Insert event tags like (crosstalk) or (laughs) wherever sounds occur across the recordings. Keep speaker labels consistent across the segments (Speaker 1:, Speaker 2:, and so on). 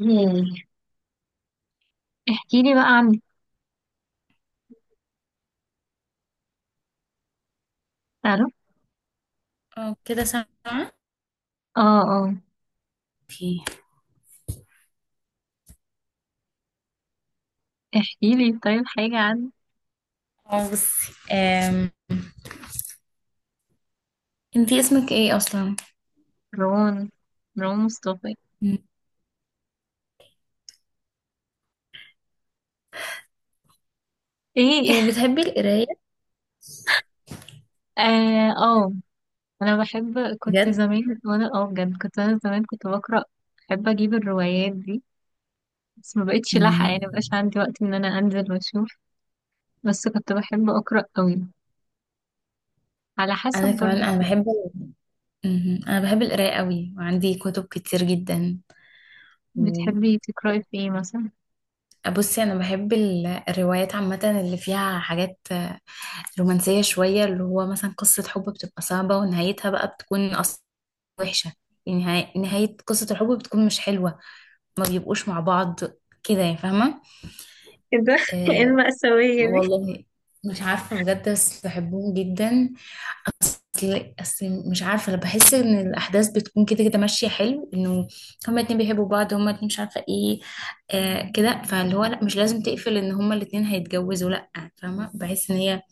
Speaker 1: ياه. احكي لي بقى عن تعرف
Speaker 2: اه، كده سامعة.
Speaker 1: اه اه
Speaker 2: اوكي.
Speaker 1: احكي لي طيب حاجة عن.
Speaker 2: اه، بصي، انتي اسمك ايه اصلا؟
Speaker 1: رون، رون مصطفى.
Speaker 2: مم.
Speaker 1: ايه.
Speaker 2: إيه،
Speaker 1: (laughs)
Speaker 2: بتحبي القراية؟
Speaker 1: اه اه. انا بحب كنت
Speaker 2: بجد؟
Speaker 1: زمان وانا اه بجد كنت انا زمان كنت بقرأ. بحب اجيب الروايات دي، بس ما بقتش لاحقة، يعني
Speaker 2: مم.
Speaker 1: مبقاش عندي وقت ان انا انزل واشوف. بس كنت بحب اقرأ قوي، على حسب
Speaker 2: انا كمان
Speaker 1: برضو.
Speaker 2: انا بحب. مم. انا بحب القراية قوي وعندي كتب كتير جدا. و-
Speaker 1: بتحبي تقرأي في ايه مثلا؟
Speaker 2: بصي، انا بحب الروايات عامة اللي فيها حاجات رومانسية شوية، اللي هو مثلا قصة حب بتبقى صعبة ونهايتها بقى بتكون اصلا وحشة. يعني نهاية قصة الحب بتكون مش حلوة، ما بيبقوش مع بعض، كده يا فاهمة؟
Speaker 1: كده. (laughs) ايه
Speaker 2: آه،
Speaker 1: المأساوية دي؟
Speaker 2: والله مش عارفة بجد، بس بحبهم جدا. أصل مش عارفة، أنا بحس إن الأحداث بتكون كده كده ماشية حلو، إنه هما الاتنين بيحبوا بعض، هما الاتنين مش عارفة إيه، آه كده. فاللي هو لأ، مش لازم تقفل إن هما الاتنين هيتجوزوا، لأ، فاهمة؟ بحس إن هي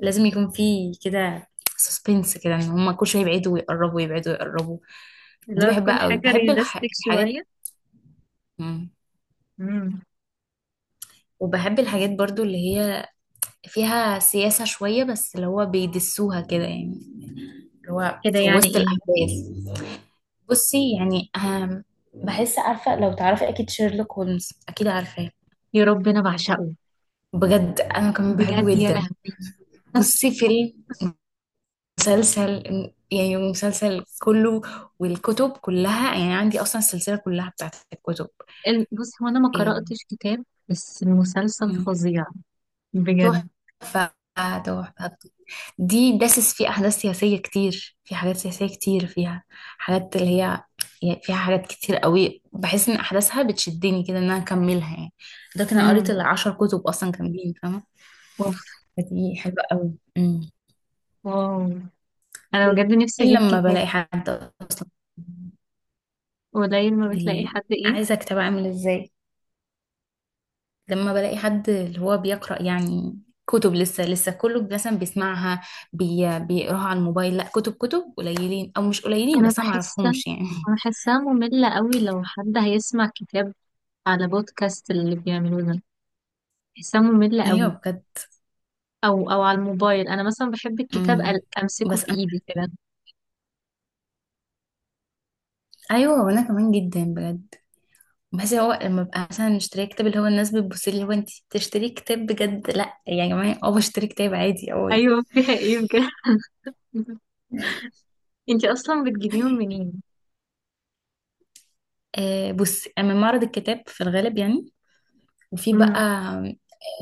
Speaker 2: لازم يكون في كده سسبنس كده، إن هما كل شوية يبعدوا ويقربوا، يبعدوا ويقربوا.
Speaker 1: اللي
Speaker 2: دي
Speaker 1: هو تكون
Speaker 2: بحبها قوي.
Speaker 1: حاجة
Speaker 2: بحب
Speaker 1: ريلاستيك
Speaker 2: الحاجات.
Speaker 1: شوية.
Speaker 2: مم.
Speaker 1: امم.
Speaker 2: وبحب الحاجات برضو اللي هي فيها سياسة شوية، بس اللي هو بيدسوها كده يعني، اللي هو
Speaker 1: كده
Speaker 2: في
Speaker 1: يعني
Speaker 2: وسط
Speaker 1: ايه؟
Speaker 2: الأحداث. بصي يعني أهم، بحس، عارفة لو تعرفي أكيد شيرلوك هولمز، أكيد عارفاه.
Speaker 1: يا رب، انا بعشقه.
Speaker 2: بجد أنا كمان
Speaker 1: بجد
Speaker 2: بحبه
Speaker 1: يا
Speaker 2: جدا.
Speaker 1: لهوي. بس
Speaker 2: بصي، فيلم، مسلسل، يعني مسلسل كله، والكتب كلها. يعني عندي أصلا السلسلة كلها بتاعت الكتب.
Speaker 1: بص هو انا ما
Speaker 2: إيه.
Speaker 1: قرأتش كتاب، بس المسلسل فظيع. بجد.
Speaker 2: تحفة، تحفة. دي داسس فيه أحداث سياسية كتير، في حاجات سياسية كتير فيها، حاجات اللي هي، يعني فيها حاجات كتير قوي. بحس إن أحداثها بتشدني كده إن أنا أكملها يعني. ده كان قريت
Speaker 1: امم.
Speaker 2: العشر كتب أصلا كاملين، فاهمة.
Speaker 1: اوف.
Speaker 2: فدي حلوة قوي. أمم.
Speaker 1: واو. انا بجد نفسي
Speaker 2: إلا
Speaker 1: اجيب
Speaker 2: لما
Speaker 1: كتاب.
Speaker 2: بلاقي حد أصلا،
Speaker 1: قليل ما بتلاقي
Speaker 2: بي...
Speaker 1: حد، ايه؟
Speaker 2: عايزة أكتب أعمل إزاي لما بلاقي حد اللي هو بيقرأ يعني. كتب، لسه لسه كله مثلا بيسمعها، بيقراها على الموبايل، لا كتب. كتب قليلين او مش قليلين،
Speaker 1: انا
Speaker 2: بس انا
Speaker 1: بحسها،
Speaker 2: معرفهمش يعني. (laughs)
Speaker 1: بحسها مملة قوي لو حد هيسمع كتاب على بودكاست اللي بيعملوه ده. بحسها مملة
Speaker 2: ايوه
Speaker 1: قوي.
Speaker 2: بجد.
Speaker 1: او او على الموبايل. انا مثلا بحب الكتاب
Speaker 2: امم.
Speaker 1: امسكه
Speaker 2: بس
Speaker 1: في
Speaker 2: انا،
Speaker 1: ايدي كده.
Speaker 2: ايوه، وانا كمان جدا بجد. بس هو لما ببقى مثلا مشتريه كتاب، اللي هو الناس بتبص لي اللي هو انت بتشتري كتاب بجد؟ لا يا جماعه، اه بشتري كتاب عادي، اه يعني.
Speaker 1: ايوه، فيها ايه بجد؟ (laughs) انتي اصلا بتجيبيهم منين؟
Speaker 2: بص، اما معرض الكتاب في الغالب يعني، وفي بقى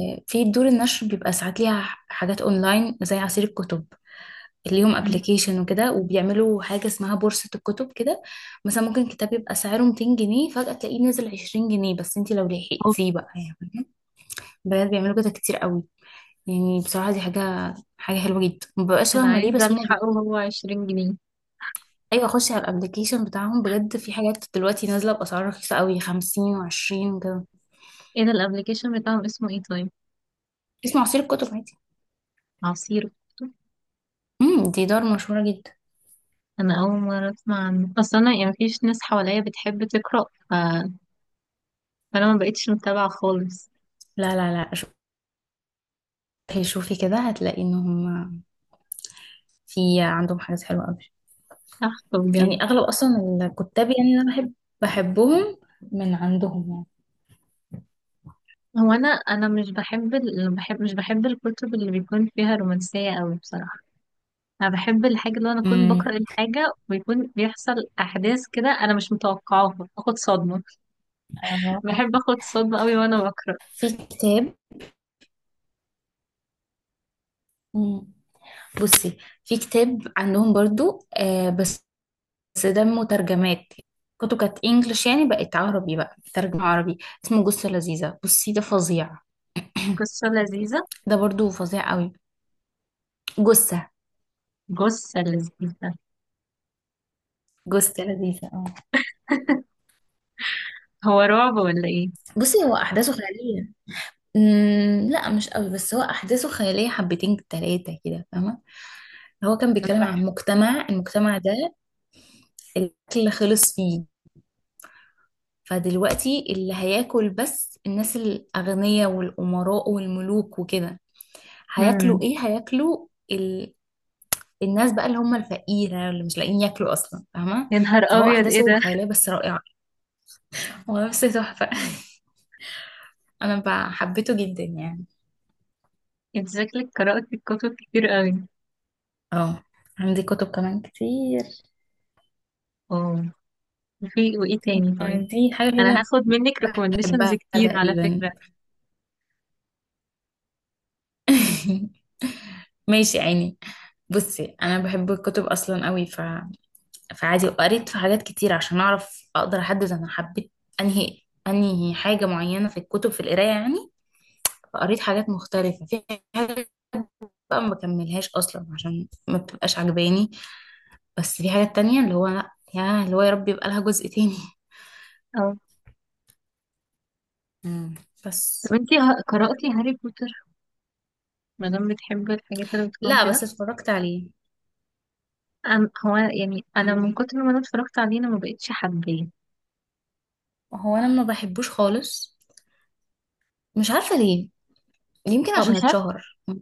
Speaker 2: في دور النشر بيبقى ساعات ليها حاجات اونلاين، زي عصير الكتب. ليهم
Speaker 1: امم.
Speaker 2: ابلكيشن وكده، وبيعملوا حاجة اسمها بورصة الكتب كده. مثلا ممكن كتاب يبقى سعره 200 جنيه فجأة تلاقيه نازل 20 جنيه، بس انت لو لحقتيه بقى يعني. بجد بيعملوا كده كتير قوي. يعني بصراحة دي حاجة حلوة جدا. مببقاش
Speaker 1: انا
Speaker 2: فاهمة ليه،
Speaker 1: عايزه
Speaker 2: بس هما
Speaker 1: الحقه
Speaker 2: بيكونوا،
Speaker 1: وهو 20 جنيه.
Speaker 2: أيوة، أخش على الأبليكيشن بتاعهم بجد في حاجات دلوقتي نازلة بأسعار رخيصة قوي، خمسين وعشرين وكده.
Speaker 1: ايه ده الابلكيشن بتاعهم اسمه ايه طيب؟
Speaker 2: اسمه عصير الكتب عادي.
Speaker 1: عصير.
Speaker 2: امم، دي دار مشهورة جدا.
Speaker 1: انا اول مره اسمع عنه، اصل انا يعني مفيش ناس حواليا بتحب تقرا، ف... فانا ما بقتش متابعه خالص.
Speaker 2: لا، لا، لا، شوفي شوفي كده هتلاقي إن هما في عندهم حاجات حلوة قوي.
Speaker 1: تحفه بجد.
Speaker 2: يعني اغلب اصلا الكتاب يعني انا بحب، بحبهم، من عندهم يعني.
Speaker 1: هو انا مش بحب مش بحب الكتب اللي بيكون فيها رومانسيه قوي بصراحه. انا بحب الحاجه اللي انا اكون
Speaker 2: امم.
Speaker 1: بقرا الحاجه ويكون بيحصل احداث كده انا مش متوقعاها، اخد صدمه. بحب
Speaker 2: اه
Speaker 1: اخد صدمه قوي وانا بقرا.
Speaker 2: في كتاب. مم. بصي، في كتاب عندهم برضو بس، بس ده مترجمات، كتب كانت انجلش يعني بقت عربي، بقى ترجمة عربي. اسمه جثة لذيذة، بصي ده فظيع.
Speaker 1: قصه لذيذه.
Speaker 2: ده برضو فظيع قوي. جثة،
Speaker 1: جثه لذيذه.
Speaker 2: جثة لذيذة، اه.
Speaker 1: (laughs) هو رعب ولا ايه؟
Speaker 2: بصي، هو احداثه خيالية. امم، لا مش قوي، بس هو احداثه خيالية حبتين تلاتة كده، فاهمة. هو كان
Speaker 1: انا
Speaker 2: بيتكلم
Speaker 1: بحب.
Speaker 2: عن مجتمع، المجتمع ده الاكل خلص فيه. فدلوقتي اللي هياكل بس الناس الاغنياء والامراء والملوك وكده.
Speaker 1: امم.
Speaker 2: هياكلوا ايه؟ هياكلوا الناس بقى اللي هم الفقيرة اللي مش لاقيين ياكلوا اصلا، فاهمة.
Speaker 1: يا نهار
Speaker 2: فهو
Speaker 1: ابيض، ايه
Speaker 2: احداثه
Speaker 1: ده؟
Speaker 2: خيالية بس رائعة، ونفس تحفة. (laughs) انا بقى حبيته جدا يعني.
Speaker 1: انت شكلك قرأت الكتب كتير قوي.
Speaker 2: اه، عندي كتب كمان كتير.
Speaker 1: اه. في وايه تاني طيب؟
Speaker 2: دي حاجة
Speaker 1: انا
Speaker 2: كده
Speaker 1: هاخد منك ريكومنديشنز
Speaker 2: بحبها
Speaker 1: كتير على
Speaker 2: تقريبا.
Speaker 1: فكرة.
Speaker 2: (laughs) ماشي يا عيني. بصي انا بحب الكتب اصلا قوي، فعادي وقريت في حاجات كتير عشان اعرف اقدر احدد انا حبيت انهي انهي حاجه معينه في الكتب، في القرايه يعني. فقريت حاجات مختلفه في حاجات بقى ما بكملهاش اصلا عشان ما بتبقاش عجباني. بس في حاجات تانية اللي هو لا، يا اللي هو يا رب يبقى لها جزء تاني.
Speaker 1: اه.
Speaker 2: امم، بس،
Speaker 1: طب انت قرأتي هاري بوتر؟ ما دام بتحبي الحاجات اللي بتكون
Speaker 2: لا
Speaker 1: كده.
Speaker 2: بس اتفرجت عليه.
Speaker 1: أم، هو يعني انا من
Speaker 2: مم.
Speaker 1: كتر ما انا اتفرجت عليه انا ما بقتش حباه.
Speaker 2: هو انا ما بحبوش خالص، مش عارفه ليه، يمكن
Speaker 1: اه
Speaker 2: عشان
Speaker 1: مش عارفه.
Speaker 2: اتشهر. مم.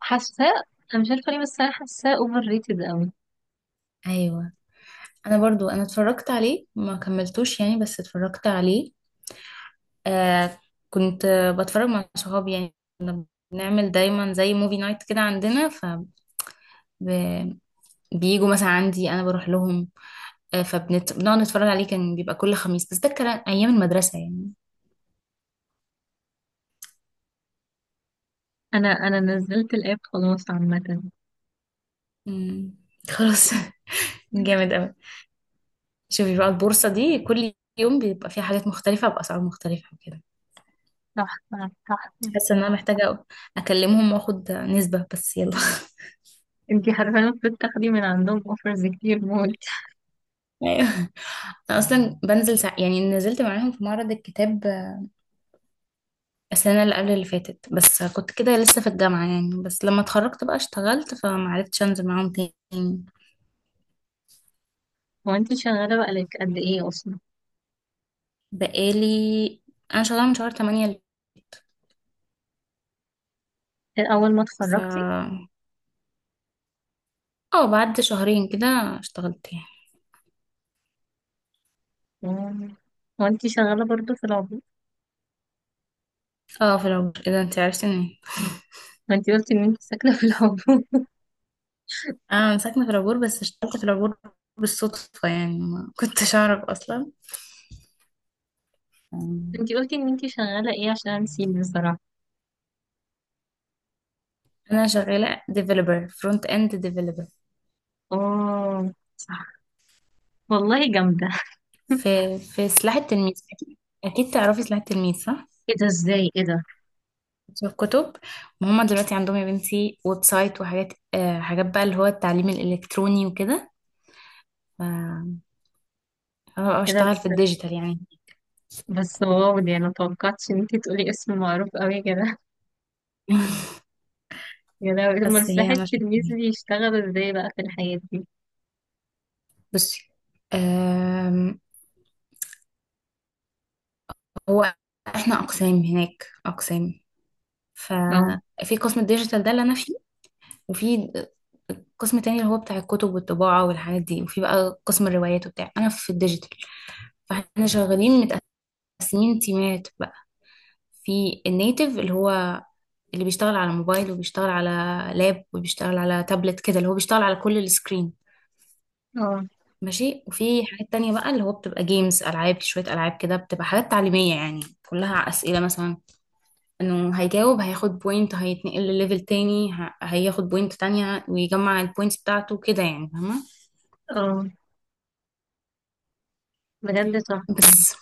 Speaker 1: حاساه. انا مش عارفه ليه، بس انا حاساه اوفر ريتد قوي.
Speaker 2: ايوه، انا برضو انا اتفرجت عليه ما كملتوش يعني، بس اتفرجت عليه. آه كنت بتفرج مع صحابي يعني، نعمل دايما زي موفي نايت كده عندنا. فبييجوا، مثلا عندي، انا بروح لهم، فبنقعد نتفرج عليه. كان بيبقى كل خميس، بس ده كان ايام المدرسة يعني.
Speaker 1: انا نزلت الاب خلاص عامه.
Speaker 2: مم. خلاص. (laughs) جامد قوي. شوفي بقى البورصة دي كل يوم بيبقى فيها حاجات مختلفة بأسعار مختلفة وكده.
Speaker 1: تحفه تحفه.
Speaker 2: حاسة ان انا محتاجة اكلمهم واخد نسبة، بس يلا.
Speaker 1: انتي حرفيا المفروض تاخدي من عندهم اوفرز كتير موت.
Speaker 2: (laughs) ايوه، انا اصلا بنزل يعني نزلت معاهم في معرض الكتاب السنة اللي قبل اللي فاتت، بس كنت كده لسه في الجامعة يعني. بس لما اتخرجت بقى اشتغلت، فمعرفتش انزل معاهم تاني.
Speaker 1: هو انتي شغالة بقالك قد ايه اصلا؟
Speaker 2: بقالي، انا شغالة من شهر تمانية اللي فات.
Speaker 1: اول ما
Speaker 2: ف،
Speaker 1: اتخرجتي.
Speaker 2: اه، بعد شهرين كده اشتغلت يعني.
Speaker 1: مم. هو انتي شغالة برضو في العبور؟
Speaker 2: اه، في العبور كده انت عرفتني.
Speaker 1: ما انتي قلتي ان انتي ساكنة في العبور. (laughs)
Speaker 2: انا ساكنة في العبور بس اشتغلت في العبور بالصدفة يعني، ما كنتش اعرف اصلا.
Speaker 1: انتي قلتي ان انتي شغالة ايه عشان نسيب بصراحة؟
Speaker 2: انا شغالة ديفلوبر، فرونت اند ديفلوبر
Speaker 1: اه صح. والله جامدة. (laughs)
Speaker 2: في في سلاح التلميذ، اكيد أكيد تعرفي سلاح التلميذ، صح؟
Speaker 1: ايه ده؟ ازاي؟ ايه ده؟
Speaker 2: الكتب. هما دلوقتي عندهم يا بنتي ويب سايت وحاجات، حاجات بقى اللي هو التعليم الإلكتروني وكده. ف أنا
Speaker 1: ايه ده
Speaker 2: بشتغل في
Speaker 1: بس؟
Speaker 2: الديجيتال يعني.
Speaker 1: بس واو، دي انا متوقعتش ان انتي تقولي اسم معروف قوي كده. (laughs)
Speaker 2: (laughs)
Speaker 1: يا لهوي، امال
Speaker 2: بس هي
Speaker 1: سلاح
Speaker 2: أنا شايفة
Speaker 1: التلميذ
Speaker 2: إيه.
Speaker 1: بيشتغل ازاي بقى في الحياة دي؟
Speaker 2: بصي، آم، هو احنا أقسام، هناك أقسام.
Speaker 1: اه.
Speaker 2: ففي قسم الديجيتال ده اللي أنا فيه، وفي قسم تاني اللي هو بتاع الكتب والطباعة والحاجات دي، وفي بقى قسم الروايات وبتاع. أنا في الديجيتال. فاحنا شغالين متقسمين تيمات بقى. في النيتف اللي هو، اللي بيشتغل على موبايل وبيشتغل على لاب وبيشتغل على تابلت كده، اللي هو بيشتغل على كل السكرين.
Speaker 1: اه.
Speaker 2: ماشي. وفي حاجات تانية بقى اللي هو بتبقى جيمز، ألعاب، شوية ألعاب كده بتبقى حاجات تعليمية يعني. كلها أسئلة مثلا، إنه هيجاوب هياخد بوينت، هيتنقل لليفل تاني، هياخد بوينت تانية، ويجمع البوينتس بتاعته كده، يعني فاهمة.
Speaker 1: اه بجد تحفة.
Speaker 2: بس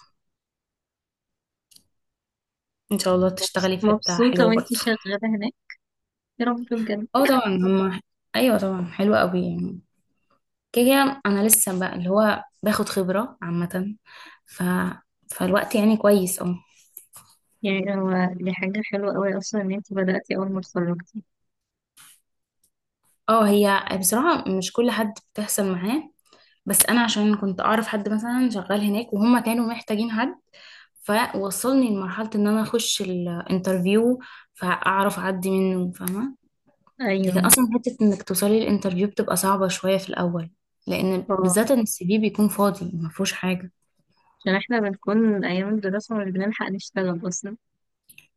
Speaker 2: إن شاء الله تشتغلي في حتة
Speaker 1: مبسوطة
Speaker 2: حلوة
Speaker 1: وانتي
Speaker 2: برضه.
Speaker 1: شغالة هناك، يا رب بجد.
Speaker 2: اه طبعا هما، أيوة طبعا حلوة أوي يعني. كده كده انا لسه بقى اللي هو باخد خبرة عامة، ف... فالوقت يعني كويس. اه،
Speaker 1: يعني هو دي حاجة حلوة قوي أصلا إن انتي بدأتي أول ما اتخرجتي.
Speaker 2: اه، هي بصراحة مش كل حد بتحصل معاه، بس انا عشان كنت اعرف حد مثلا شغال هناك وهم كانوا محتاجين حد، فوصلني لمرحلة ان انا اخش الانترفيو، فاعرف اعدي منه، فاهمة.
Speaker 1: أيوه.
Speaker 2: لكن اصلا حتة انك توصلي الانترفيو بتبقى صعبة شوية في الاول، لان
Speaker 1: اه،
Speaker 2: بالذات ان السي في بيكون فاضي ما فيهوش حاجة.
Speaker 1: عشان احنا بنكون أيام الدراسة مش بنلحق نشتغل أصلا.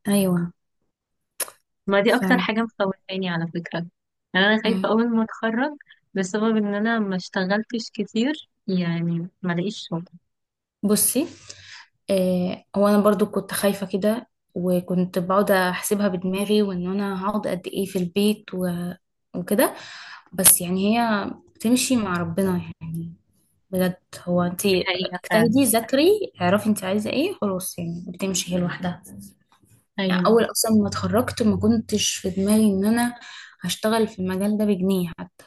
Speaker 2: ايوه.
Speaker 1: ما دي
Speaker 2: ف،
Speaker 1: أكتر حاجة مخوفاني على فكرة. يعني أنا خايفة
Speaker 2: مم.
Speaker 1: أول ما اتخرج بسبب إن أنا ما اشتغلتش كتير، يعني ما لاقيش شغل.
Speaker 2: بصي، هو انا برضو كنت خايفة كده. وكنت بقعد احسبها بدماغي، وان انا هقعد قد ايه في البيت، و... وكده. بس يعني هي بتمشي مع ربنا يعني، بجد. هو انت
Speaker 1: دي حقيقة فعلا.
Speaker 2: اجتهدي، ذاكري، اعرفي انت عايزة ايه، خلاص، يعني بتمشي هي لوحدها. يعني
Speaker 1: أيوه.
Speaker 2: اول اصلا ما اتخرجت ما كنتش في دماغي ان انا هشتغل في المجال ده بجنيه حتى.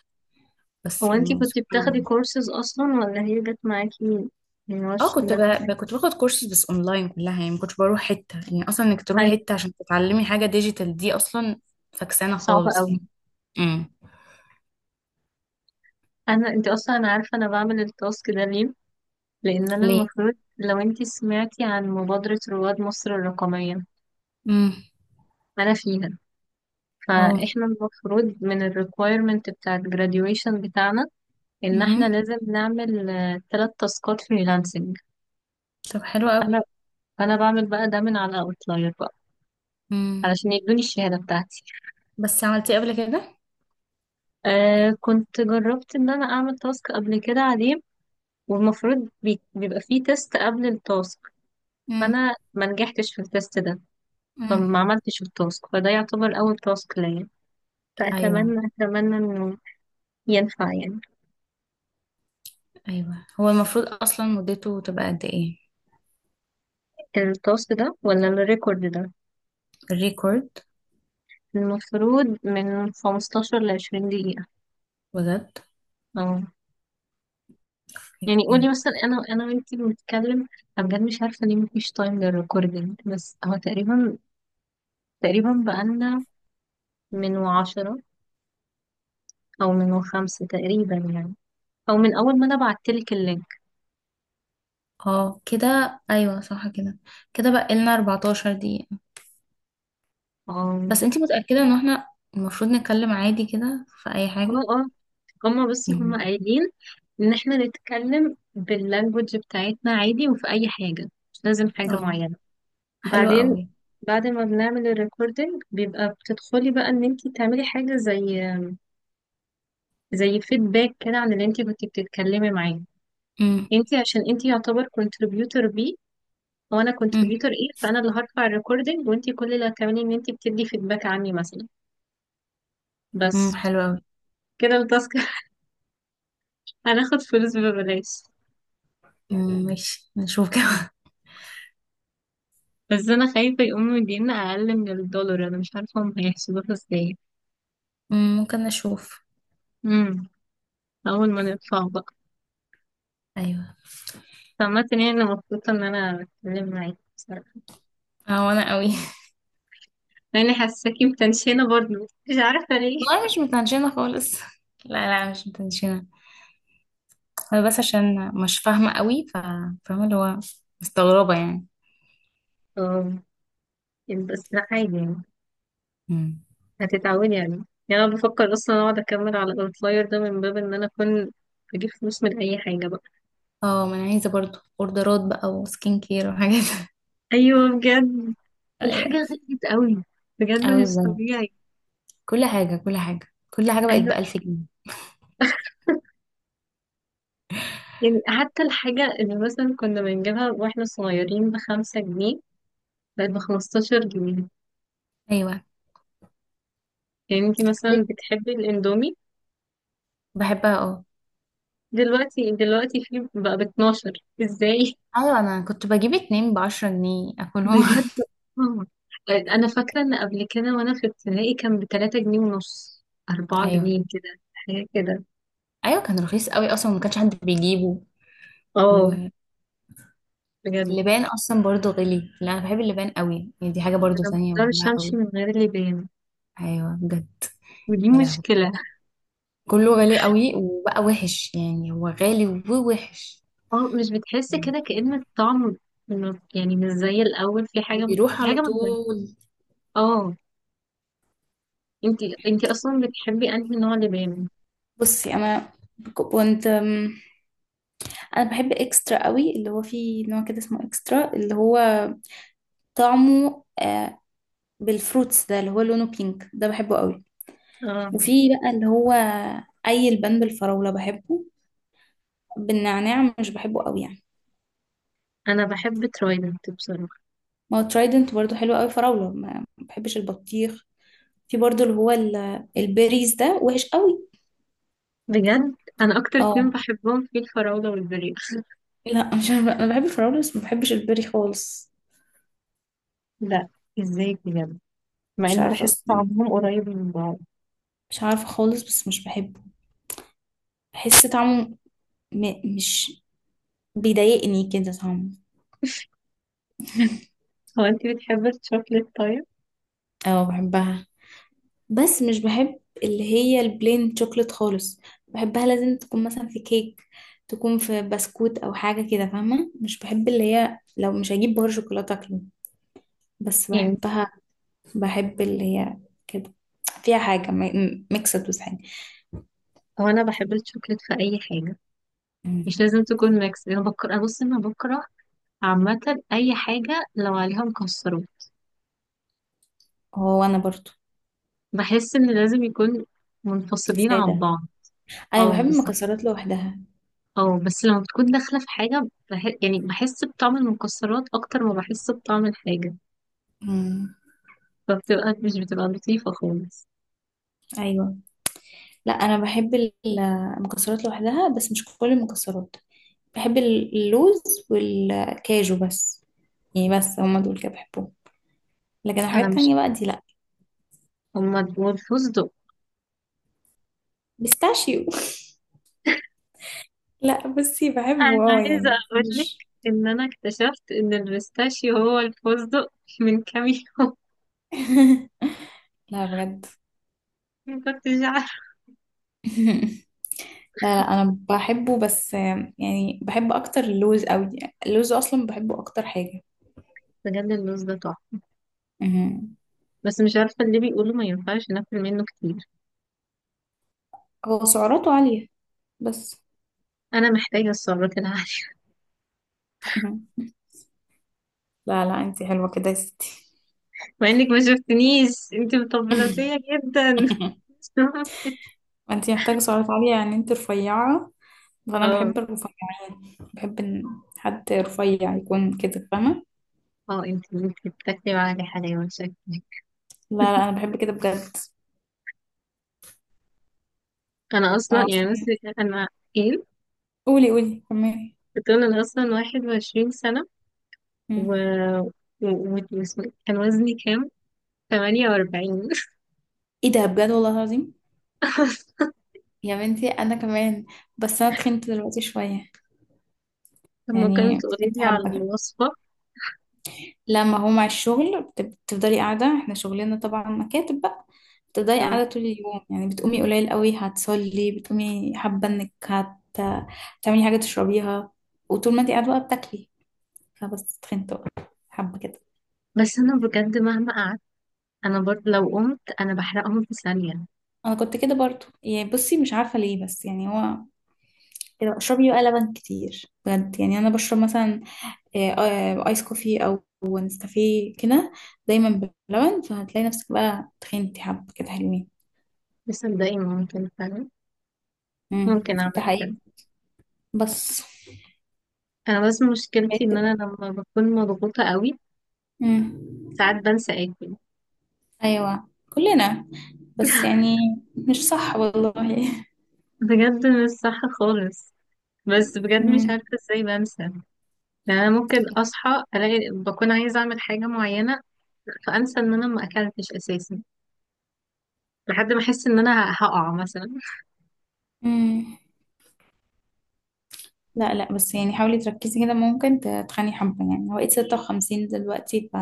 Speaker 2: بس
Speaker 1: هو انتي
Speaker 2: يعني
Speaker 1: كنتي
Speaker 2: سبحان
Speaker 1: بتاخدي
Speaker 2: الله.
Speaker 1: كورسز أصلا ولا هي جت معاكي؟ يعني هو
Speaker 2: اه، كنت ب...
Speaker 1: ده
Speaker 2: ب... كنت باخد كورسز، بس اونلاين كلها يعني ما كنتش بروح حته. يعني اصلا انك
Speaker 1: حاجة
Speaker 2: تروحي حته عشان تتعلمي حاجه ديجيتال دي اصلا، فكسانه
Speaker 1: صعبة
Speaker 2: خالص
Speaker 1: أوي.
Speaker 2: يعني. امم.
Speaker 1: انا انت اصلا انا عارفه انا بعمل التاسك ده ليه. لان انا
Speaker 2: ليه؟
Speaker 1: المفروض، لو انت سمعتي عن مبادره رواد مصر الرقميه،
Speaker 2: امم.
Speaker 1: انا فيها،
Speaker 2: اه.
Speaker 1: فاحنا المفروض من الريكويرمنت بتاع الجراديويشن بتاعنا ان احنا
Speaker 2: امم.
Speaker 1: لازم نعمل ثلاث تاسكات فريلانسنج.
Speaker 2: طب حلو قوي.
Speaker 1: انا انا بعمل بقى ده من على اوتلاير بقى
Speaker 2: امم.
Speaker 1: علشان يدوني الشهاده بتاعتي.
Speaker 2: بس عملتيه قبل كده.
Speaker 1: آه، كنت جربت ان انا اعمل تاسك قبل كده عليه، والمفروض بيبقى فيه تيست قبل التاسك،
Speaker 2: امم.
Speaker 1: فانا ما نجحتش في التيست ده،
Speaker 2: امم.
Speaker 1: فما عملتش التاسك، فده يعتبر أول تاسك ليا.
Speaker 2: ايوه.
Speaker 1: فأتمنى، أتمنى إنه ينفع يعني.
Speaker 2: ايوه، هو المفروض اصلا مدته تبقى قد ايه،
Speaker 1: التاسك ده ولا الريكورد ده؟
Speaker 2: الريكورد؟
Speaker 1: المفروض من 15 لعشرين دقيقة.
Speaker 2: بجد؟
Speaker 1: اه. يعني قولي
Speaker 2: أوكي.
Speaker 1: مثلا أنا، أنا وأنتي بنتكلم، أنا بجد مش عارفة ليه مفيش تايم للريكوردينج، بس هو تقريبا، تقريبا بقالنا من وعشرة، أو من خمسة تقريبا يعني، أو من أول ما أنا بعتلك اللينك.
Speaker 2: اه كده، ايوه صح كده. كده بقى لنا 14 دقيقه. بس
Speaker 1: اه.
Speaker 2: انتي متاكده ان احنا المفروض نتكلم عادي كده في اي
Speaker 1: اه.
Speaker 2: حاجه؟
Speaker 1: اه. هما، بس
Speaker 2: مم.
Speaker 1: هما قايلين ان احنا نتكلم باللانجوج بتاعتنا عادي، وفي اي حاجة، مش لازم حاجة
Speaker 2: اه.
Speaker 1: معينة.
Speaker 2: حلو
Speaker 1: بعدين
Speaker 2: قوي.
Speaker 1: بعد ما بنعمل الريكوردنج بيبقى بتدخلي بقى ان انت تعملي حاجة زي، زي فيدباك كده عن اللي انت كنت بتتكلمي معاه.
Speaker 2: مم.
Speaker 1: انت عشان انت يعتبر كونتريبيوتور بي، وانا
Speaker 2: مم.
Speaker 1: كونتريبيوتور ايه، فانا اللي هرفع الريكوردنج وانت كل اللي هتعملي ان انت بتدي فيدباك عني مثلا.
Speaker 2: مم.
Speaker 1: بس
Speaker 2: حلو قوي.
Speaker 1: كده التاسك. (laughs) هناخد فلوس ببلاش.
Speaker 2: مم. ماشي نشوف كده.
Speaker 1: بس انا خايفة يقوموا يدينا اقل من الدولار، انا مش عارفة هم هيحسبوها ازاي.
Speaker 2: (laughs) مم. ممكن نشوف.
Speaker 1: امم. اول ما نطلع بقى.
Speaker 2: ايوه.
Speaker 1: سمعت ان انا مبسوطه ان انا اتكلم معاكي بصراحه،
Speaker 2: اه وانا قوي.
Speaker 1: لاني حاساكي متنشنه برضه، مش عارفه ليه.
Speaker 2: والله مش متنشنه خالص، لا لا مش متنشنه. انا بس عشان مش فاهمه قوي، ف، فاهمه اللي هو مستغربه يعني.
Speaker 1: اه بس ده عادي يعني،
Speaker 2: مم.
Speaker 1: هتتعودي عليه. يعني انا بفكر اصلا اقعد اكمل على الاوتلاير ده من باب ان انا اكون بجيب فلوس من اي حاجه بقى.
Speaker 2: اه، ما انا عايزه برضو اوردرات بقى، وسكين كير وحاجات.
Speaker 1: ايوه بجد،
Speaker 2: (laughs)
Speaker 1: الحاجه
Speaker 2: ايوه،
Speaker 1: غليت قوي، بجد
Speaker 2: قوي
Speaker 1: مش
Speaker 2: بجد.
Speaker 1: طبيعي.
Speaker 2: كل حاجه بقت
Speaker 1: ايوه،
Speaker 2: بألف جنيه.
Speaker 1: يعني حتى الحاجه اللي مثلا كنا بنجيبها واحنا صغيرين بخمسة جنيه بقت بخمستاشر جنيه.
Speaker 2: ايوه.
Speaker 1: يعني انتي
Speaker 2: ليه؟
Speaker 1: مثلا بتحبي الاندومي؟
Speaker 2: بحبها، اه.
Speaker 1: دلوقتي دلوقتي في بقى ب 12. ازاي؟
Speaker 2: ايوه، انا كنت بجيب اتنين بعشرة جنيه اكلهم.
Speaker 1: بجد. آه. انا فاكره ان قبل كده وانا في ابتدائي كان ب 3 جنيه ونص،
Speaker 2: (laughs)
Speaker 1: 4
Speaker 2: ايوه.
Speaker 1: جنيه كده، حاجه كده.
Speaker 2: ايوه كان رخيص قوي اصلا، وما كانش حد بيجيبه.
Speaker 1: اه
Speaker 2: واللبان
Speaker 1: بجد.
Speaker 2: اصلا برضو غلي. لا انا بحب اللبان قوي يعني، دي حاجه برضو
Speaker 1: انا ما
Speaker 2: ثانيه
Speaker 1: اقدرش
Speaker 2: بحبها
Speaker 1: امشي
Speaker 2: قوي.
Speaker 1: من غير اللي بان،
Speaker 2: ايوه بجد.
Speaker 1: ودي
Speaker 2: يا لهوي،
Speaker 1: مشكله.
Speaker 2: كله غالي قوي وبقى وحش يعني، هو غالي ووحش.
Speaker 1: اه مش بتحس كده كأن الطعم، يعني مش زي الاول، في حاجه،
Speaker 2: بيروح
Speaker 1: في
Speaker 2: على
Speaker 1: حاجه متغيره.
Speaker 2: طول.
Speaker 1: اه. انتي اصلا بتحبي انهي نوع لبان؟
Speaker 2: بصي انا كنت انا بحب اكسترا قوي. اللي هو فيه نوع كده اسمه اكسترا، اللي هو طعمه بالفروتس ده، اللي هو لونه بينك ده، بحبه قوي.
Speaker 1: اه
Speaker 2: وفي بقى اللي هو اي، البان بالفراولة بحبه، بالنعناع مش بحبه قوي يعني.
Speaker 1: انا بحب ترايدنت بصراحه.
Speaker 2: ما هو ترايدنت برضو حلو قوي. فراولة، ما بحبش البطيخ. في برضو اللي هو البيريز ده وحش قوي.
Speaker 1: بجد انا اكتر اتنين
Speaker 2: اه.
Speaker 1: بحبهم في الفراوله والبريق.
Speaker 2: لا مش عارفة، انا بحب الفراولة بس ما بحبش البيري خالص.
Speaker 1: لا. ازاي بجد؟ مع
Speaker 2: مش
Speaker 1: اني
Speaker 2: عارفة
Speaker 1: بحس
Speaker 2: اصلا،
Speaker 1: طعمهم قريب من بعض.
Speaker 2: مش عارفة خالص، بس مش بحبه. بحس طعمه مش، بيضايقني كده طعمه.
Speaker 1: هو انت بتحبي الشوكليت طيب؟
Speaker 2: اه بحبها، بس مش بحب اللي هي البلين شوكليت خالص. بحبها لازم تكون مثلا في كيك، تكون في بسكوت او حاجه كده، فاهمه؟ مش بحب اللي هي، لو مش هجيب بار شوكولاته اكله، بس
Speaker 1: يعني
Speaker 2: بحبها. بحب اللي هي كده فيها حاجه ميكسد، بس حاجه.
Speaker 1: هو انا بحب الشوكليت في اي حاجه،
Speaker 2: مم.
Speaker 1: مش لازم تكون ميكس. انا بكره، بص انا بكره عامه اي حاجه لو عليها مكسرات،
Speaker 2: هو انا برضو
Speaker 1: بحس ان لازم يكون منفصلين عن
Speaker 2: ساده.
Speaker 1: بعض.
Speaker 2: ايوه بحب
Speaker 1: اه بس.
Speaker 2: المكسرات لوحدها.
Speaker 1: اه بس لما بتكون داخله في حاجه يعني بحس بطعم المكسرات اكتر ما بحس بطعم الحاجه،
Speaker 2: مم.
Speaker 1: فبتبقى، مش بتبقى لطيفه خالص.
Speaker 2: ايوه. لا انا بحب المكسرات لوحدها، بس مش كل المكسرات. بحب اللوز والكاجو بس. يعني بس هما دول كده بحبهم، لكن الحاجات
Speaker 1: انا مش.
Speaker 2: التانية بقى دي لا.
Speaker 1: هما دول فستق؟
Speaker 2: بيستاشيو. (laughs) لا بصي بحبه
Speaker 1: انا
Speaker 2: اه
Speaker 1: عايزه
Speaker 2: يعني
Speaker 1: اقول لك
Speaker 2: مش،
Speaker 1: ان انا اكتشفت ان البيستاشيو هو الفستق من كام يوم.
Speaker 2: (laughs) لا بجد.
Speaker 1: (laughs) ما كنتش عارفه.
Speaker 2: (laughs) لا لا انا بحبه، بس يعني بحب اكتر اللوز قوي. اللوز اصلا بحبه اكتر حاجة.
Speaker 1: بجد اللوز ده تحفه،
Speaker 2: مهم.
Speaker 1: بس مش عارفه، اللي بيقولوا ما ينفعش ناكل منه كتير.
Speaker 2: هو سعراته عالية بس.
Speaker 1: انا محتاجه السعرات العاليه.
Speaker 2: (laughs) لا لا، انتي حلوة كده يا ستي.
Speaker 1: (laughs) مع انك ما شفتنيش، انت مطبلاتيه جدا. (laughs)
Speaker 2: (laughs)
Speaker 1: مش ممكن.
Speaker 2: ما انتي محتاجة سعرات عالية يعني، انتي رفيعة. فأنا
Speaker 1: اه.
Speaker 2: بحب الرفيعين، بحب إن حد رفيع يكون كده، فاهمة.
Speaker 1: اه انت انت بتاكلي معايا حلاوه شكلك.
Speaker 2: لا لا أنا بحب كده بجد.
Speaker 1: انا اصلا
Speaker 2: أنا
Speaker 1: يعني بس.
Speaker 2: أصلا،
Speaker 1: انا. ايه؟
Speaker 2: قولي قولي كملي.
Speaker 1: بتقول انا اصلا 21 سنه و...
Speaker 2: مم.
Speaker 1: كان وزني كام؟ تمانية وأربعين. (laughs)
Speaker 2: ايه ده بجد والله العظيم. يا بنتي أنا كمان. بس أنا تخنت دلوقتي شوية.
Speaker 1: طب ممكن
Speaker 2: يعني
Speaker 1: تقولي
Speaker 2: تخنت
Speaker 1: لي على
Speaker 2: حبة كده.
Speaker 1: الوصفة؟
Speaker 2: لما هو مع الشغل بتفضلي قاعدة، احنا شغلنا طبعا مكاتب بقى. بتفضلي
Speaker 1: مم.
Speaker 2: قاعدة طول اليوم، يعني بتقومي قليل قوي، هتصلي بتقومي حابة انك هتعملي حاجة تشربيها. وطول ما انت قاعدة بقى بتاكلي. فبس تخنت بقى. حابة كده.
Speaker 1: بس أنا بجد مهما قعدت، أنا برضه لو قمت أنا بحرقهم في ثانية.
Speaker 2: انا كنت كده برضو، يعني بصي مش عارفة ليه، بس يعني هو. كده اشربي بقى لبن كتير بجد، يعني انا بشرب مثلا ايس كوفي او نسكافيه كده دايما بلبن. فهتلاقي نفسك بقى تخنتي حبة كده حلوين.
Speaker 1: بس صدقني ممكن فعلا، ممكن
Speaker 2: ده
Speaker 1: أعمل
Speaker 2: حقيقي.
Speaker 1: كده.
Speaker 2: بس.
Speaker 1: أنا بس مشكلتي إن أنا لما بكون مضغوطة قوي
Speaker 2: امم.
Speaker 1: ساعات بنسى آكل.
Speaker 2: ايوه، كلنا. بس يعني مش صح والله.
Speaker 1: بجد مش صح خالص. بس بجد مش
Speaker 2: امم.
Speaker 1: عارفة ازاي بنسى يعني. أنا ممكن أصحى ألاقي بكون عايزة أعمل حاجة معينة فأنسى إن أنا ما أكلتش أساسا لحد ما أحس إن أنا هقع مثلا.
Speaker 2: امم. لا لا، بس يعني حاولي تركزي كده، ممكن تتخني حبة، يعني هو بقيت 56 دلوقتي ف...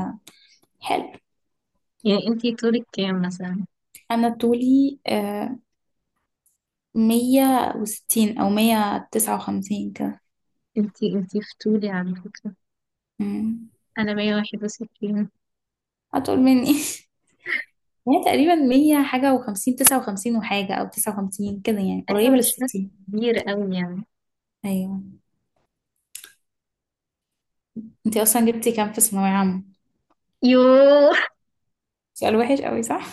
Speaker 2: حلو.
Speaker 1: يعني أنتي طولك كام مثلا؟
Speaker 2: أنا طولي 160 أو 159 كده.
Speaker 1: انتي فتولي على فكرة.
Speaker 2: أمم.
Speaker 1: انا 161.
Speaker 2: أطول مني. (laughs) هي تقريبا مية حاجة وخمسين تسعة وخمسين وحاجة أو تسعة وخمسين كده، يعني
Speaker 1: ايوه
Speaker 2: قريبة
Speaker 1: مش فرق
Speaker 2: للستين.
Speaker 1: كبير قوي يعني.
Speaker 2: أيوة. أنتي أصلا جبتي كام في ثانوية عامة؟
Speaker 1: يوه.
Speaker 2: سؤال وحش قوي، صح؟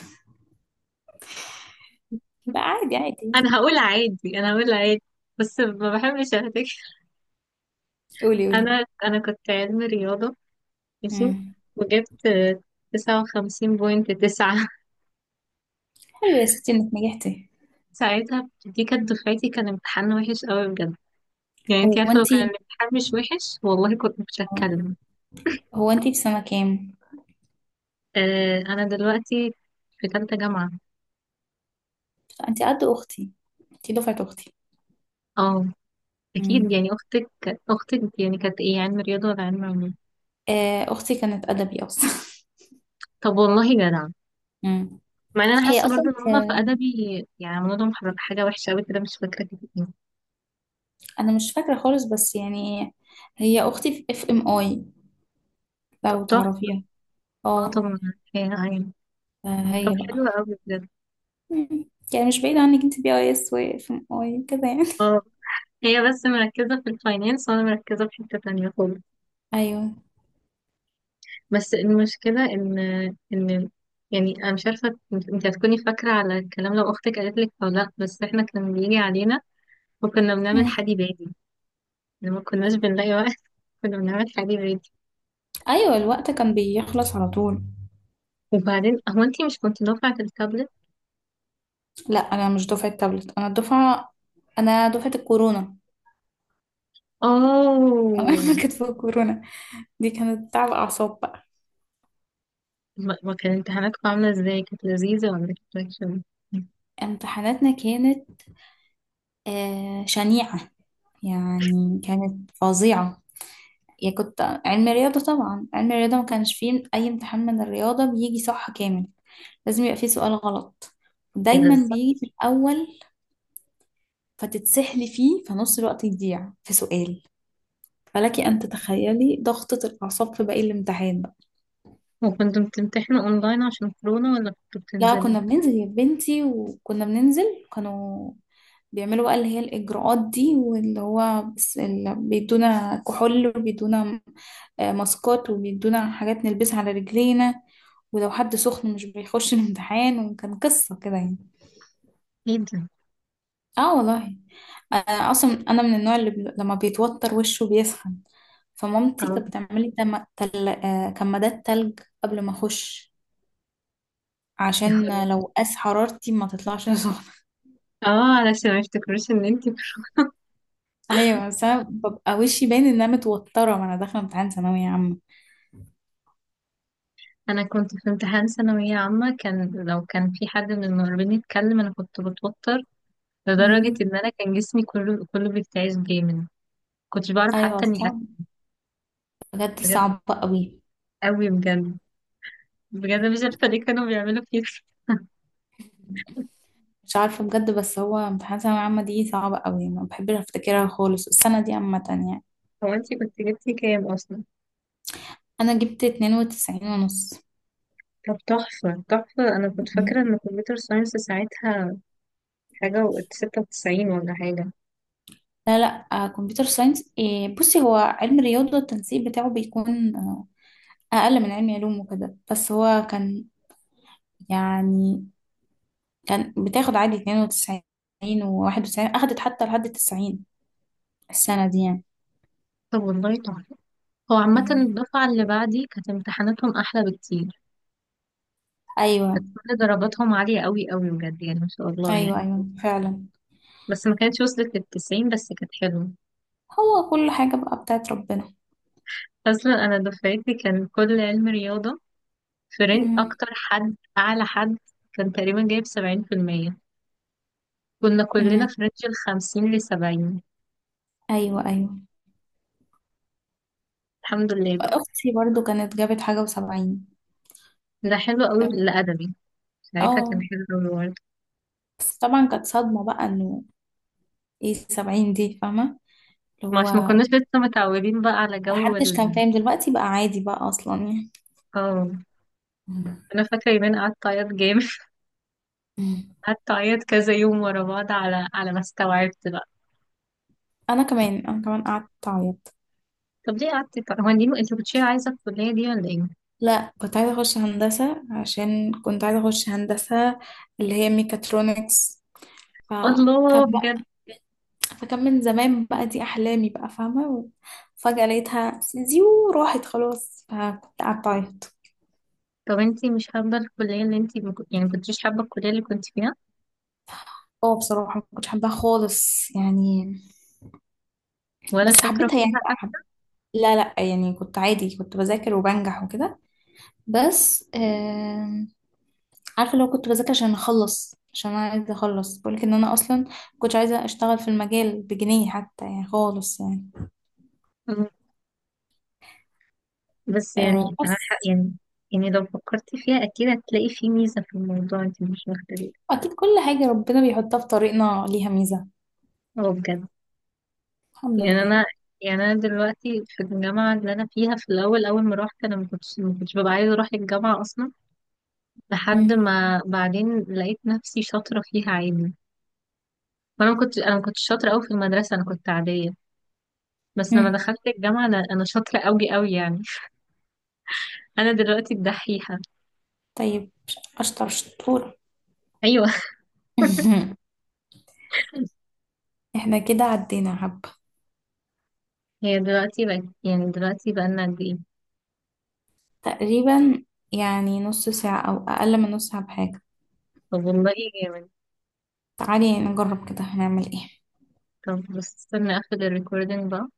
Speaker 2: لا، عادي عادي.
Speaker 1: انا هقول عادي، بس ما بحبش اهتك.
Speaker 2: قولي قولي.
Speaker 1: انا كنت علم رياضة، ماشي،
Speaker 2: امم.
Speaker 1: وجبت تسعة وخمسين بوينت تسعة.
Speaker 2: حلو يا ستي انك نجحتي.
Speaker 1: ساعتها دي كانت دفعتي، كان امتحان وحش قوي بجد. يعني انتي
Speaker 2: هو
Speaker 1: عارفة، لو كان
Speaker 2: انتي
Speaker 1: الامتحان مش وحش والله كنت مش هتكلم.
Speaker 2: هو انتي في سنة كام؟
Speaker 1: آه انا دلوقتي في تالتة جامعة.
Speaker 2: انتي قد اختي. انتي دفعة اختي.
Speaker 1: اه اكيد
Speaker 2: امم.
Speaker 1: يعني اختك. اختك يعني كانت ايه، علم رياضه ولا علم علوم؟
Speaker 2: اختي كانت ادبي اصلا.
Speaker 1: طب والله جدع.
Speaker 2: (laughs) امم.
Speaker 1: مع ان انا
Speaker 2: هي
Speaker 1: حاسه برضه
Speaker 2: اصلا
Speaker 1: ان هما في ادبي يعني عملوا لهم حاجه وحشه قوي كده، مش فاكره كده ايه.
Speaker 2: انا مش فاكرة خالص، بس يعني هي اختي في اف ام اي،
Speaker 1: طب
Speaker 2: لو
Speaker 1: تحفه.
Speaker 2: تعرفيها.
Speaker 1: اه
Speaker 2: اه.
Speaker 1: طبعا. هي عين. طب
Speaker 2: هي بقى.
Speaker 1: حلو قوي بجد.
Speaker 2: مم. يعني مش بعيد عنك، انت بي اي اس واف ام اي كده يعني.
Speaker 1: اه هي بس مركزه في الفاينانس وانا مركزه في حته تانية خالص.
Speaker 2: (laughs) ايوه.
Speaker 1: بس المشكله ان، ان، يعني انا مش عارفه إنت هتكوني فاكره على الكلام لو اختك قالت لك او لا، بس احنا كان بيجي علينا وكنا بنعمل
Speaker 2: مم.
Speaker 1: حدي بادي لما كناش بنلاقي وقت. (laughs) كنا بنعمل حدي بادي.
Speaker 2: ايوه، الوقت كان بيخلص على طول.
Speaker 1: وبعدين هو انتي مش كنت دفعة التابلت؟
Speaker 2: لا، انا مش دفعه تابلت، انا الدفعه. انا دفعه الكورونا. (laughs) انا
Speaker 1: اوه.
Speaker 2: كانت في الكورونا. دي كانت تعب اعصاب بقى.
Speaker 1: ما كان امتحاناتكم عاملة ازاي؟ كانت لذيذة، ولا كانت وحشة؟
Speaker 2: امتحاناتنا كانت شنيعه. يعني كانت فظيعه. يا كنت علم رياضه، طبعا علم الرياضه ما كانش فيه اي امتحان من الرياضه بيجي صح كامل. لازم يبقى فيه سؤال غلط،
Speaker 1: ايه ده؟
Speaker 2: دايما
Speaker 1: ازاي؟
Speaker 2: بيجي في الاول. فتتسحلي فيه، فنص الوقت يضيع في سؤال. فلك ان تتخيلي ضغطه الاعصاب في باقي الامتحان.
Speaker 1: وكنتوا بتمتحنوا اونلاين عشان كورونا ولا كنتوا
Speaker 2: لا،
Speaker 1: بتنزلوا؟
Speaker 2: كنا بننزل يا بنتي، وكنا بننزل. كانوا بيعملوا بقى اللي هي الإجراءات دي، واللي هو بس اللي بيدونا كحول، وبيدونا ماسكات، وبيدونا حاجات نلبسها على رجلينا. ولو حد سخن مش بيخش (laughs) الامتحان، وكان قصة كده يعني.
Speaker 1: ايه ده؟
Speaker 2: اه والله. أنا أصلا أنا من النوع اللي لما بيتوتر وشه بيسخن. فمامتي
Speaker 1: اه.
Speaker 2: كانت بتعملي تم- تل... آه، كمادات تلج قبل ما أخش،
Speaker 1: يا خبر.
Speaker 2: عشان لو قاس حرارتي ما تطلعش. (laughs)
Speaker 1: (laughs) اه علشان ما يفتكروش ان انتي.
Speaker 2: ايوه بس انا ببقى وشي باين ان انا متوتره، وانا داخله امتحان ثانويه عامه.
Speaker 1: انا كنت في امتحان ثانوية عامة، كان لو كان في حد من المقربين يتكلم انا كنت بتوتر لدرجة
Speaker 2: مهم.
Speaker 1: ان انا كان جسمي كله بيرتعش جامد، كنتش بعرف
Speaker 2: ايوه،
Speaker 1: حتى اني
Speaker 2: صعب.
Speaker 1: اكل.
Speaker 2: بجد
Speaker 1: بجد
Speaker 2: صعب قوي.
Speaker 1: قوي بجد. بجد مش عارفة ليه كانوا بيعملوا كده.
Speaker 2: مش عارفه بجد، بس هو امتحان ثانويه عامه دي صعبه قوي، ما بحبش افتكرها خالص السنه دي عامه يعني.
Speaker 1: هو انتي كنت جبتي كام اصلا؟
Speaker 2: انا جبت 92 ونص.
Speaker 1: طب تحفة تحفة. انا كنت فاكرة
Speaker 2: مهم.
Speaker 1: ان الكمبيوتر ساينس ساعتها حاجة وقت ستة وتسعين ولا حاجة.
Speaker 2: لا لا، كمبيوتر ساينس إيه، بصي هو علم رياضه التنسيق بتاعه بيكون اقل من علم علوم وكده، بس هو كان، يعني كان بتاخد عادي 92 و91، اخدت حتى لحد 90 السنه دي يعني.
Speaker 1: طب والله تحفة. هو عامة
Speaker 2: مم.
Speaker 1: الدفعة اللي بعدي كانت امتحاناتهم أحلى بكتير.
Speaker 2: ايوه
Speaker 1: كانت كل درجاتهم عالية قوي بجد يعني، ما شاء الله
Speaker 2: ايوه.
Speaker 1: يعني.
Speaker 2: ايوه فعلا.
Speaker 1: بس ما كانتش وصلت للتسعين، بس كانت حلوة.
Speaker 2: هو كل حاجه بقى بتاعت ربنا.
Speaker 1: أصلا أنا دفعتي كان كل علم رياضة فرنج
Speaker 2: مم.
Speaker 1: أكتر حد، أعلى حد كان تقريبا جايب سبعين في المية، كنا كلنا
Speaker 2: مم.
Speaker 1: في رينج الخمسين لسبعين.
Speaker 2: ايوه ايوه.
Speaker 1: الحمد لله.
Speaker 2: اختي برضو كانت جابت حاجه وسبعين.
Speaker 1: ده حلو قوي
Speaker 2: اه.
Speaker 1: الأدبي، ساعتها كان
Speaker 2: آه،
Speaker 1: حلو قوي برضه.
Speaker 2: بس طبعا كانت صدمه بقى انه ايه السبعين دي، فاهمه، اللي
Speaker 1: ما
Speaker 2: هو
Speaker 1: عشان ما كناش لسه متعودين بقى على جو
Speaker 2: محدش كان
Speaker 1: ال.
Speaker 2: فاهم دلوقتي بقى عادي بقى اصلا يعني.
Speaker 1: اه.
Speaker 2: مم.
Speaker 1: أنا فاكرة يومين قعدت أعيط جامد. (laughs)
Speaker 2: مم.
Speaker 1: قعدت أعيط كذا يوم ورا بعض على، على ما استوعبت بقى.
Speaker 2: انا كمان انا كمان قعدت اعيط.
Speaker 1: طب ليه قعدتي؟ طب هو انتي كنتش عايزة الكلية دي ولا ايه؟
Speaker 2: لا، كنت عايزه اخش هندسه، عشان كنت عايزه اخش هندسه اللي هي ميكاترونكس.
Speaker 1: الله
Speaker 2: فكان
Speaker 1: بجد.
Speaker 2: فكان من زمان بقى، دي أحلامي بقى، فاهمة. فجأة لقيتها زيو راحت خلاص، فكنت قعدت أعيط.
Speaker 1: طب انتي مش حابة الكلية اللي انتي يعني مكنتيش حابة الكلية اللي كنت فيها؟
Speaker 2: اه بصراحة ما كنتش حباها خالص يعني.
Speaker 1: ولا
Speaker 2: بس
Speaker 1: شاطرة
Speaker 2: حبيتها يعني
Speaker 1: فيها
Speaker 2: بقى
Speaker 1: حتى؟
Speaker 2: لا لا يعني، كنت عادي، كنت بذاكر وبنجح وكده. بس عارفة لو كنت بذاكر عشان أخلص، عشان أنا عايزة أخلص، بقولك إن أنا أصلا كنت عايزة أشتغل في المجال بجنيه حتى يعني خالص يعني.
Speaker 1: بس يعني أنا حق
Speaker 2: بس،
Speaker 1: يعني. يعني لو فكرتي فيها أكيد هتلاقي في ميزة في الموضوع انتي مش واخدة بالك.
Speaker 2: أكيد كل حاجة ربنا بيحطها في طريقنا ليها ميزة.
Speaker 1: اه بجد.
Speaker 2: الحمد
Speaker 1: يعني
Speaker 2: لله.
Speaker 1: انا، يعني انا دلوقتي في الجامعه اللي انا فيها، في الاول اول ما روحت انا ما كنتش، ما كنتش ببقى عايزه اروح الجامعه اصلا، لحد ما بعدين لقيت نفسي شاطره فيها عادي. وانا ما كنتش، انا ما كنتش شاطره قوي في المدرسه، انا كنت عاديه، بس لما
Speaker 2: مم.
Speaker 1: دخلت الجامعه انا شاطره قوي يعني. (laughs) انا دلوقتي الدحيحه.
Speaker 2: طيب، أشطر شطورة.
Speaker 1: ايوه. (laughs)
Speaker 2: (laughs) احنا كده عدينا حبة.
Speaker 1: هي دلوقتي بقت، يعني دلوقتي بقالنا قد ايه؟
Speaker 2: تقريبا يعني نص ساعة أو أقل من نص ساعة بحاجة.
Speaker 1: طب والله جامد.
Speaker 2: تعالي نجرب كده، هنعمل ايه؟
Speaker 1: طب بس استنى اخد الريكوردينج بقى.